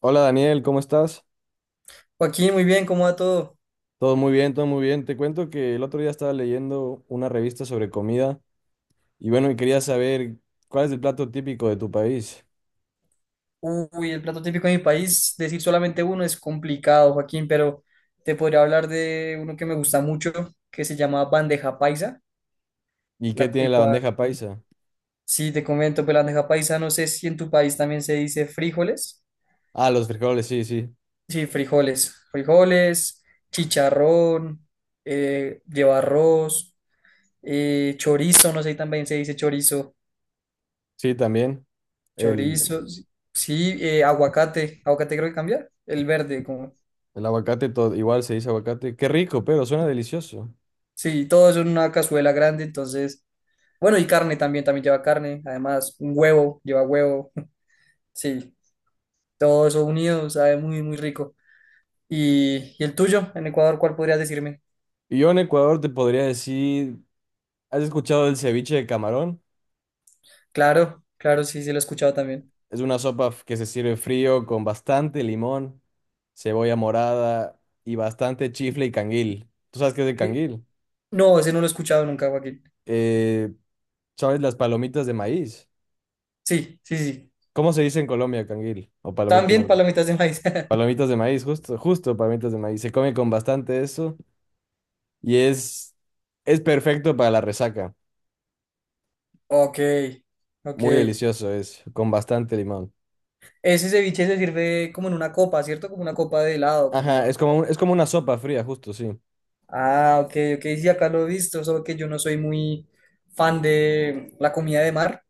Hola Daniel, ¿cómo estás? Joaquín, muy bien, ¿cómo va todo? Todo muy bien, todo muy bien. Te cuento que el otro día estaba leyendo una revista sobre comida y bueno, y quería saber cuál es el plato típico de tu país Uy, el plato típico de mi país, decir solamente uno es complicado, Joaquín, pero te podría hablar de uno que me gusta mucho, que se llama bandeja paisa, y qué tiene el la cual, bandeja paisa. sí, te comento, pero la bandeja paisa, no sé si en tu país también se dice frijoles. Ah, los frijoles, sí, sí. Sí, frijoles, frijoles, chicharrón, lleva arroz, chorizo, no sé si también se dice chorizo, Sí, también. El, chorizo, sí, aguacate, aguacate creo que cambia, el verde, como. el aguacate, igual se dice aguacate. Qué rico, pero suena delicioso. Sí, todo eso en una cazuela grande, entonces, bueno, y carne también, también lleva carne, además, un huevo, lleva huevo, sí, todo eso unido, sabe muy, muy rico. ¿Y el tuyo, en Ecuador, cuál podrías decirme? Y yo en Ecuador te podría decir, ¿has escuchado del ceviche de camarón? Claro, claro, sí, sí, lo he escuchado también. Es una que se sirve frío con bastante limón, cebolla morada y bastante chifle y canguil. ¿Tú sabes qué es el Eh, canguil? No, ese no lo he escuchado nunca, Joaquín. Eh, ¿Sabes las palomitas de maíz? Sí, sí, sí. ¿Cómo se dice en Colombia canguil? O palomitas de También maíz. palomitas de maíz. Palomitas de maíz, justo, justo palomitas de maíz. Se come con bastante eso y es perfecto para la resaca. Ok, ok. Muy delicioso es, con bastante limón. Ese ceviche se sirve como en una copa, ¿cierto? Como una copa de helado, como Ajá, una. Es como una sopa fría, justo, sí. Ah, ok, ok, sí, acá lo he visto, solo que yo no soy muy fan de la comida de mar,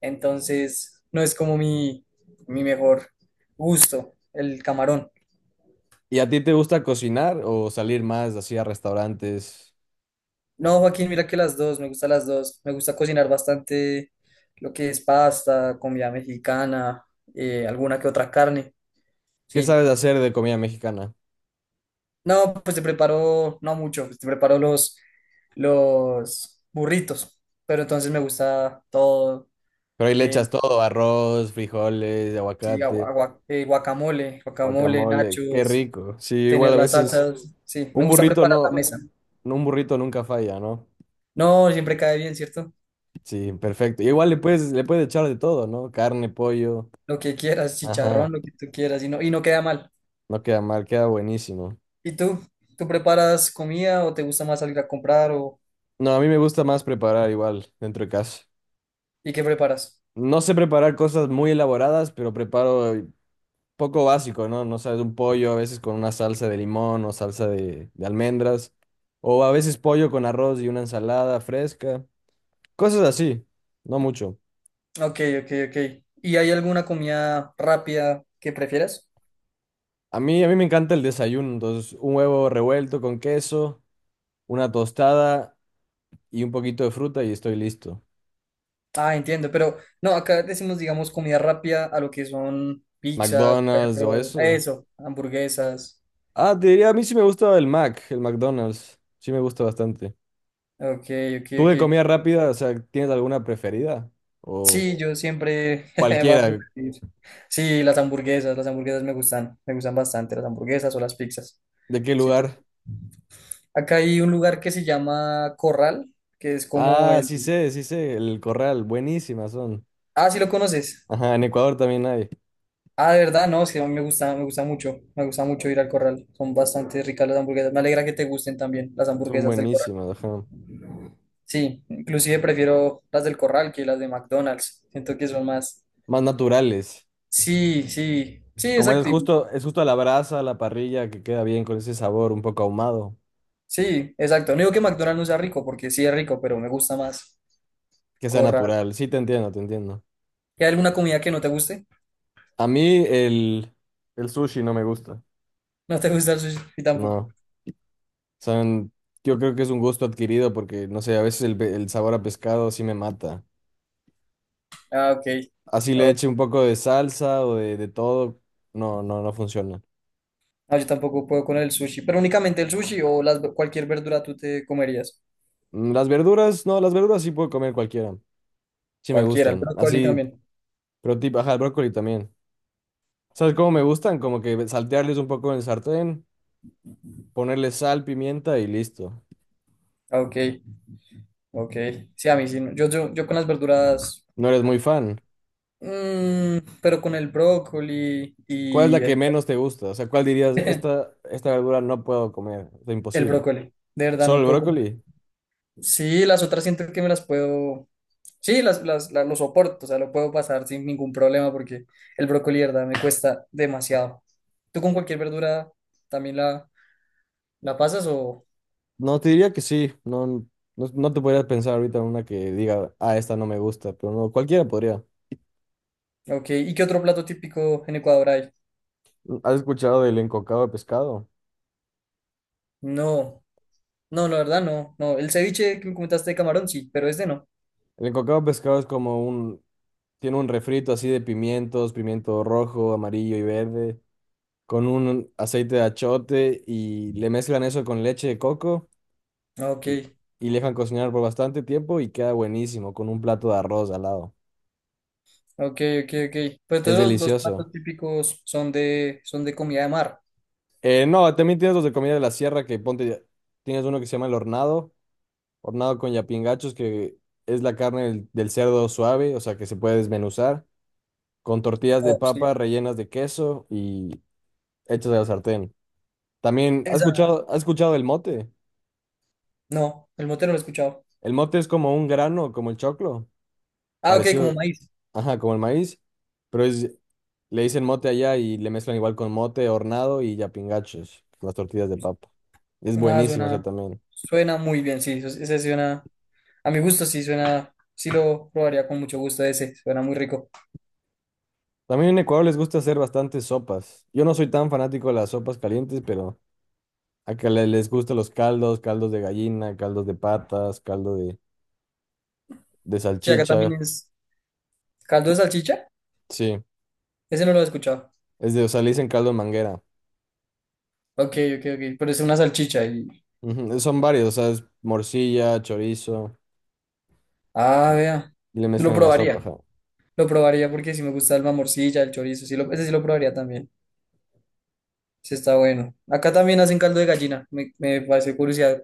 entonces no es como mi mejor gusto, el camarón. ¿Y a ti te gusta cocinar o salir más así a restaurantes? No, Joaquín, mira que las dos, me gustan las dos, me gusta cocinar bastante lo que es pasta, comida mexicana, alguna que otra carne, ¿Qué sí. sabes hacer de comida mexicana? No, pues te preparo, no mucho, pues te preparo los burritos, pero entonces me gusta todo. Pero ahí le eh, echas todo, arroz, frijoles, Sí, aguacate, guacamole, guacamole, guacamole, qué nachos, rico. Sí, igual tener a las veces salsas. Sí, me un gusta burrito preparar no, la mesa. no, un burrito nunca falla, ¿no? No, siempre cae bien, ¿cierto? Sí, perfecto. Y igual le puedes echar de todo, ¿no? Carne, pollo, Lo que quieras, chicharrón, ajá, lo que tú quieras, y no queda mal. no queda mal, queda buenísimo. ¿Y tú? ¿Tú preparas comida o te gusta más salir a comprar o No, a mí me gusta más preparar igual dentro de casa. y qué preparas? No sé preparar cosas muy elaboradas, pero preparo poco básico, ¿no? No sabes, un pollo a veces con una salsa de limón o salsa de almendras, o a veces pollo con arroz y una ensalada fresca, cosas así, no mucho. Ok, ok, ok. ¿Y hay alguna comida rápida que prefieras? A mí me encanta el desayuno, entonces un huevo revuelto con queso, una tostada y un poquito de fruta y estoy listo. Ah, entiendo, pero no, acá decimos, digamos, comida rápida a lo que son pizzas, McDonald's o perros, eso. eso, hamburguesas. Ah, te diría, a mí sí me gusta el McDonald's, sí me gusta bastante. Ok, ok, ¿Tú de ok. comida rápida, o sea, tienes alguna preferida? O Sí, yo siempre voy a cualquiera, preferir. Sí, las hamburguesas me gustan bastante las hamburguesas o las pizzas. ¿de qué Siento que. lugar? Acá hay un lugar que se llama Corral, que es como Ah, el. Sí sé, el corral, buenísimas son. Ah, sí lo conoces. Ajá, en Ecuador también hay. Ah, de verdad, no, sí, a mí me gusta mucho ir al Corral. Son bastante ricas las hamburguesas. Me alegra que te gusten también las Son hamburguesas del Corral. buenísimas, ajá. Sí, inclusive prefiero las del Corral que las de McDonald's. Siento que son más. Más naturales. Sí, sí, sí, Como exacto. Es justo a la brasa, a la parrilla, que queda bien con ese sabor un poco ahumado, Sí, exacto. No digo que McDonald's no sea rico, porque sí es rico, pero me gusta más que sea Corral. natural. Sí, te entiendo, te entiendo. ¿Y hay alguna comida que no te guste? A el sushi no me gusta. No te gusta el sushi y tampoco. No. Son, yo creo que es un gusto adquirido porque, no sé, a veces el sabor a pescado sí me mata. Ah, ok. Así le Oh, eche un poco de salsa o de todo, no, no, no funciona. no, yo tampoco puedo con el sushi, pero únicamente el sushi o cualquier verdura tú te comerías. Mm, las verduras, no, las verduras sí puedo comer cualquiera. Sí me Cualquiera, el gustan. brócoli Así, también. pero tipo, ajá, el brócoli también. ¿Sabes cómo me gustan? Como que saltearles un poco en el sartén, ponerle sal, pimienta y listo. Ah, ok, ok. Sí, a mí sí. No. Yo con las verduras, No eres muy fan. Pero con el brócoli ¿Cuál es la y que menos te gusta? O sea, ¿cuál dirías, esta verdura no puedo comer? Es el imposible. brócoli. De verdad, ¿Solo no el puedo. brócoli? Sí, las otras siento que me las puedo, sí, lo soporto, o sea, lo puedo pasar sin ningún problema porque el brócoli, de verdad, me cuesta demasiado. ¿Tú con cualquier verdura también la pasas o, No, te diría que sí. No, no, no te podrías pensar ahorita en una que diga, ah, esta no me gusta, pero no, cualquiera podría. ok, ¿y qué otro plato típico en Ecuador hay? ¿Has escuchado del encocado de pescado? No, no, la verdad no, no, el ceviche que me comentaste de camarón, sí, pero este no. El cocado pescado es como tiene un refrito así de pimientos, pimiento rojo, amarillo y verde, con un aceite de achote y le mezclan eso con leche de coco Ok, y, y le dejan cocinar por bastante tiempo y queda buenísimo con un plato de arroz al lado. ok, ok, ok. Pues Es entonces los delicioso. platos típicos son son de comida de mar. No, también tienes los de comida de la sierra que ponte, tienes uno que se llama el hornado, hornado con yapingachos que es la carne del cerdo suave, o sea que se puede desmenuzar, con tortillas de Oh, papa sí. rellenas de queso y hechos de la sartén. También, Esa, ¿has escuchado el mote? no, el mote no lo he escuchado. El mote es como un grano, como el choclo, Ah, ok, como parecido, maíz. ajá, como el maíz, pero es, le dicen mote allá y le mezclan igual con mote, hornado y yapingachos, las tortillas de papa. Es Nada, buenísimo, o sea, suena, también. suena muy bien, sí, ese suena, a mi gusto sí suena, sí lo probaría con mucho gusto ese, suena muy rico. También en Ecuador les gusta hacer bastantes sopas. Yo no soy tan fanático de las sopas calientes, pero les gustan los caldos, caldos de gallina, caldos de patas, caldo de Sí, acá también salchicha, es caldo de salchicha, sí. ese no lo he escuchado. Es de, o sea, le dicen caldo de manguera. Ok, ok, ok, pero es una salchicha y, Ujú, son varios, o sea, es morcilla, chorizo, ah, y vea, y le lo mezclan en la sopa, ajá. probaría, lo probaría porque sí me gusta el mamorcilla, el chorizo, ese sí lo probaría también, sí está bueno. Acá también hacen caldo de gallina, me parece curiosidad,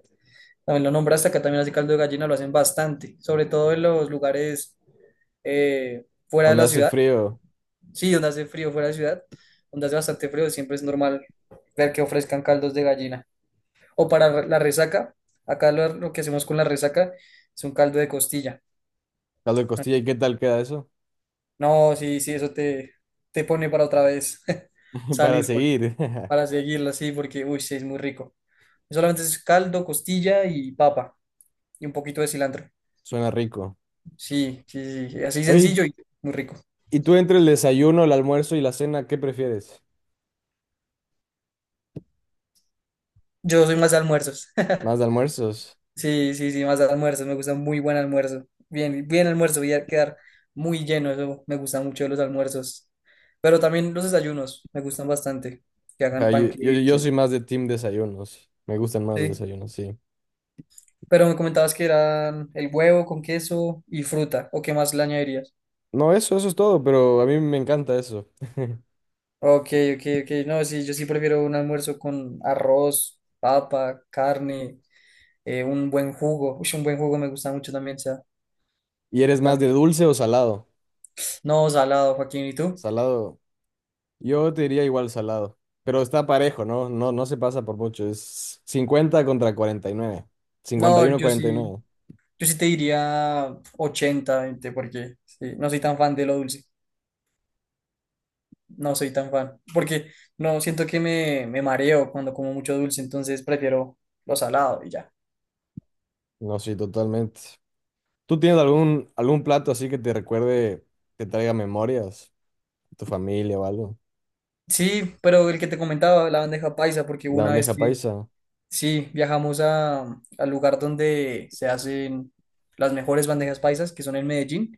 también lo nombraste, acá también hacen caldo de gallina, lo hacen bastante, sobre todo en los lugares fuera de Donde la hace ciudad. frío, Sí, donde hace frío fuera de ciudad, donde hace bastante frío, siempre es normal ver que ofrezcan caldos de gallina. O para la resaca, acá lo que hacemos con la resaca es un caldo de costilla. caldo de costilla, ¿y qué tal queda eso? No, sí, sí, eso te pone para otra vez Para salir, porque. seguir, Para seguirlo así, porque, uy, sí, es muy rico. Solamente es caldo, costilla y papa, y un poquito de cilantro. suena rico. Sí, sí, sí, sí, así Oye, sencillo y muy rico. ¿y tú entre el desayuno, el almuerzo y la cena, qué prefieres? Yo soy más de almuerzos. ¿Más de almuerzos? Sí, sí, sí, más almuerzos, me gusta muy buen almuerzo. Bien, bien almuerzo, voy a quedar muy lleno, eso me gusta mucho de los almuerzos. Pero también los desayunos, me gustan bastante, que Ajá, hagan yo panqueques. soy más de team desayunos, me gustan más los Sí, desayunos, sí. pero me comentabas que eran el huevo con queso y fruta, ¿o qué más le añadirías? No, eso es todo, pero a mí me encanta eso. Ok, ok, ok, no, sí, yo sí prefiero un almuerzo con arroz, papa, carne, un buen jugo. Uy, un buen jugo me gusta mucho también, sea, ¿Y eres más de también. dulce o salado? No, salado, Joaquín, ¿y tú? Salado. Yo te diría igual salado, pero está parejo, ¿no? No, no se pasa por mucho, es 50 contra cuarenta y nueve, cincuenta No, y uno yo cuarenta y sí. nueve Yo sí te diría 80-20 porque sí, no soy tan fan de lo dulce. No soy tan fan. Porque no siento que me mareo cuando como mucho dulce, entonces prefiero lo salado y ya. No, sí, totalmente. ¿Tú tienes algún plato así que te recuerde, que traiga memorias, tu familia o algo? Sí, pero el que te comentaba, la bandeja paisa, porque hubo La una vez que sí viajamos al lugar donde se hacen las mejores bandejas paisas, que son en Medellín,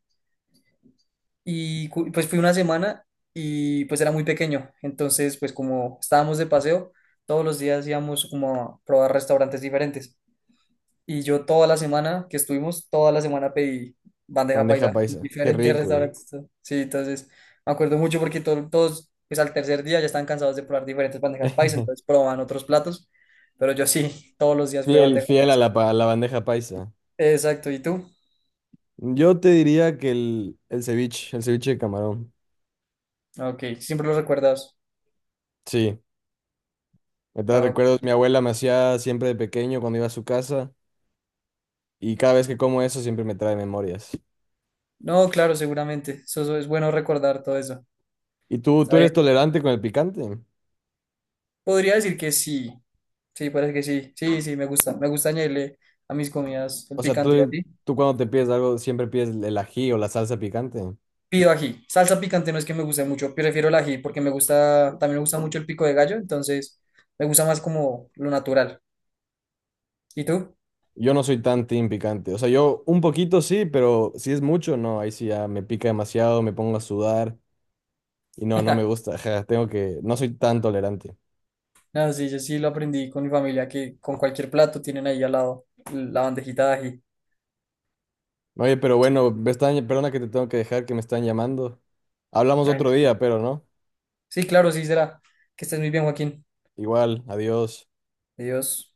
y pues fui una semana y pues era muy pequeño. Entonces, pues como estábamos de paseo, todos los días íbamos como a probar restaurantes diferentes. Y yo toda la semana que estuvimos, toda la semana pedí bandeja bandeja paisa en paisa, qué diferentes rico. restaurantes. Sí, entonces me acuerdo mucho porque todos, pues al tercer día ya estaban cansados de probar diferentes bandejas paisa, entonces probaban otros platos, pero yo sí, todos los días fue Fiel, bandeja fiel a paisa. A la bandeja paisa. Exacto, ¿y tú? Yo te diría que el ceviche de camarón. Ok, siempre lo recuerdas. Sí, me trae Ah, ok. recuerdos, mi abuela me hacía siempre de pequeño cuando iba a su casa. Y cada vez que como eso siempre me trae memorias. No, claro, seguramente. Eso es bueno recordar todo eso. ¿Y tú Está bien. eres tolerante con el picante? Podría decir que sí. Sí, parece que sí. Sí, sí, me gusta. Me gusta añadirle a mis comidas el O sea, picante y a ti. tú cuando te pides algo siempre pides el ají o la salsa picante. Pido ají. Salsa picante no es que me guste mucho, prefiero el ají porque me gusta, también me gusta mucho el pico de gallo, entonces me gusta más como lo natural. ¿Y tú? Yo no soy tan team picante. O sea, yo un poquito sí, pero si es mucho, no. Ahí sí ya me pica demasiado, me pongo a sudar y no, no me gusta. Ajá, tengo que, no soy tan tolerante. No, sí, yo sí lo aprendí con mi familia, que con cualquier plato tienen ahí al lado la bandejita de ají. Oye, pero bueno, me están, perdona que te tengo que dejar, que me están llamando. Hablamos otro Tranquilo. día, pero no. Sí, claro, sí será. Que estés muy bien, Joaquín. Igual, adiós. Adiós.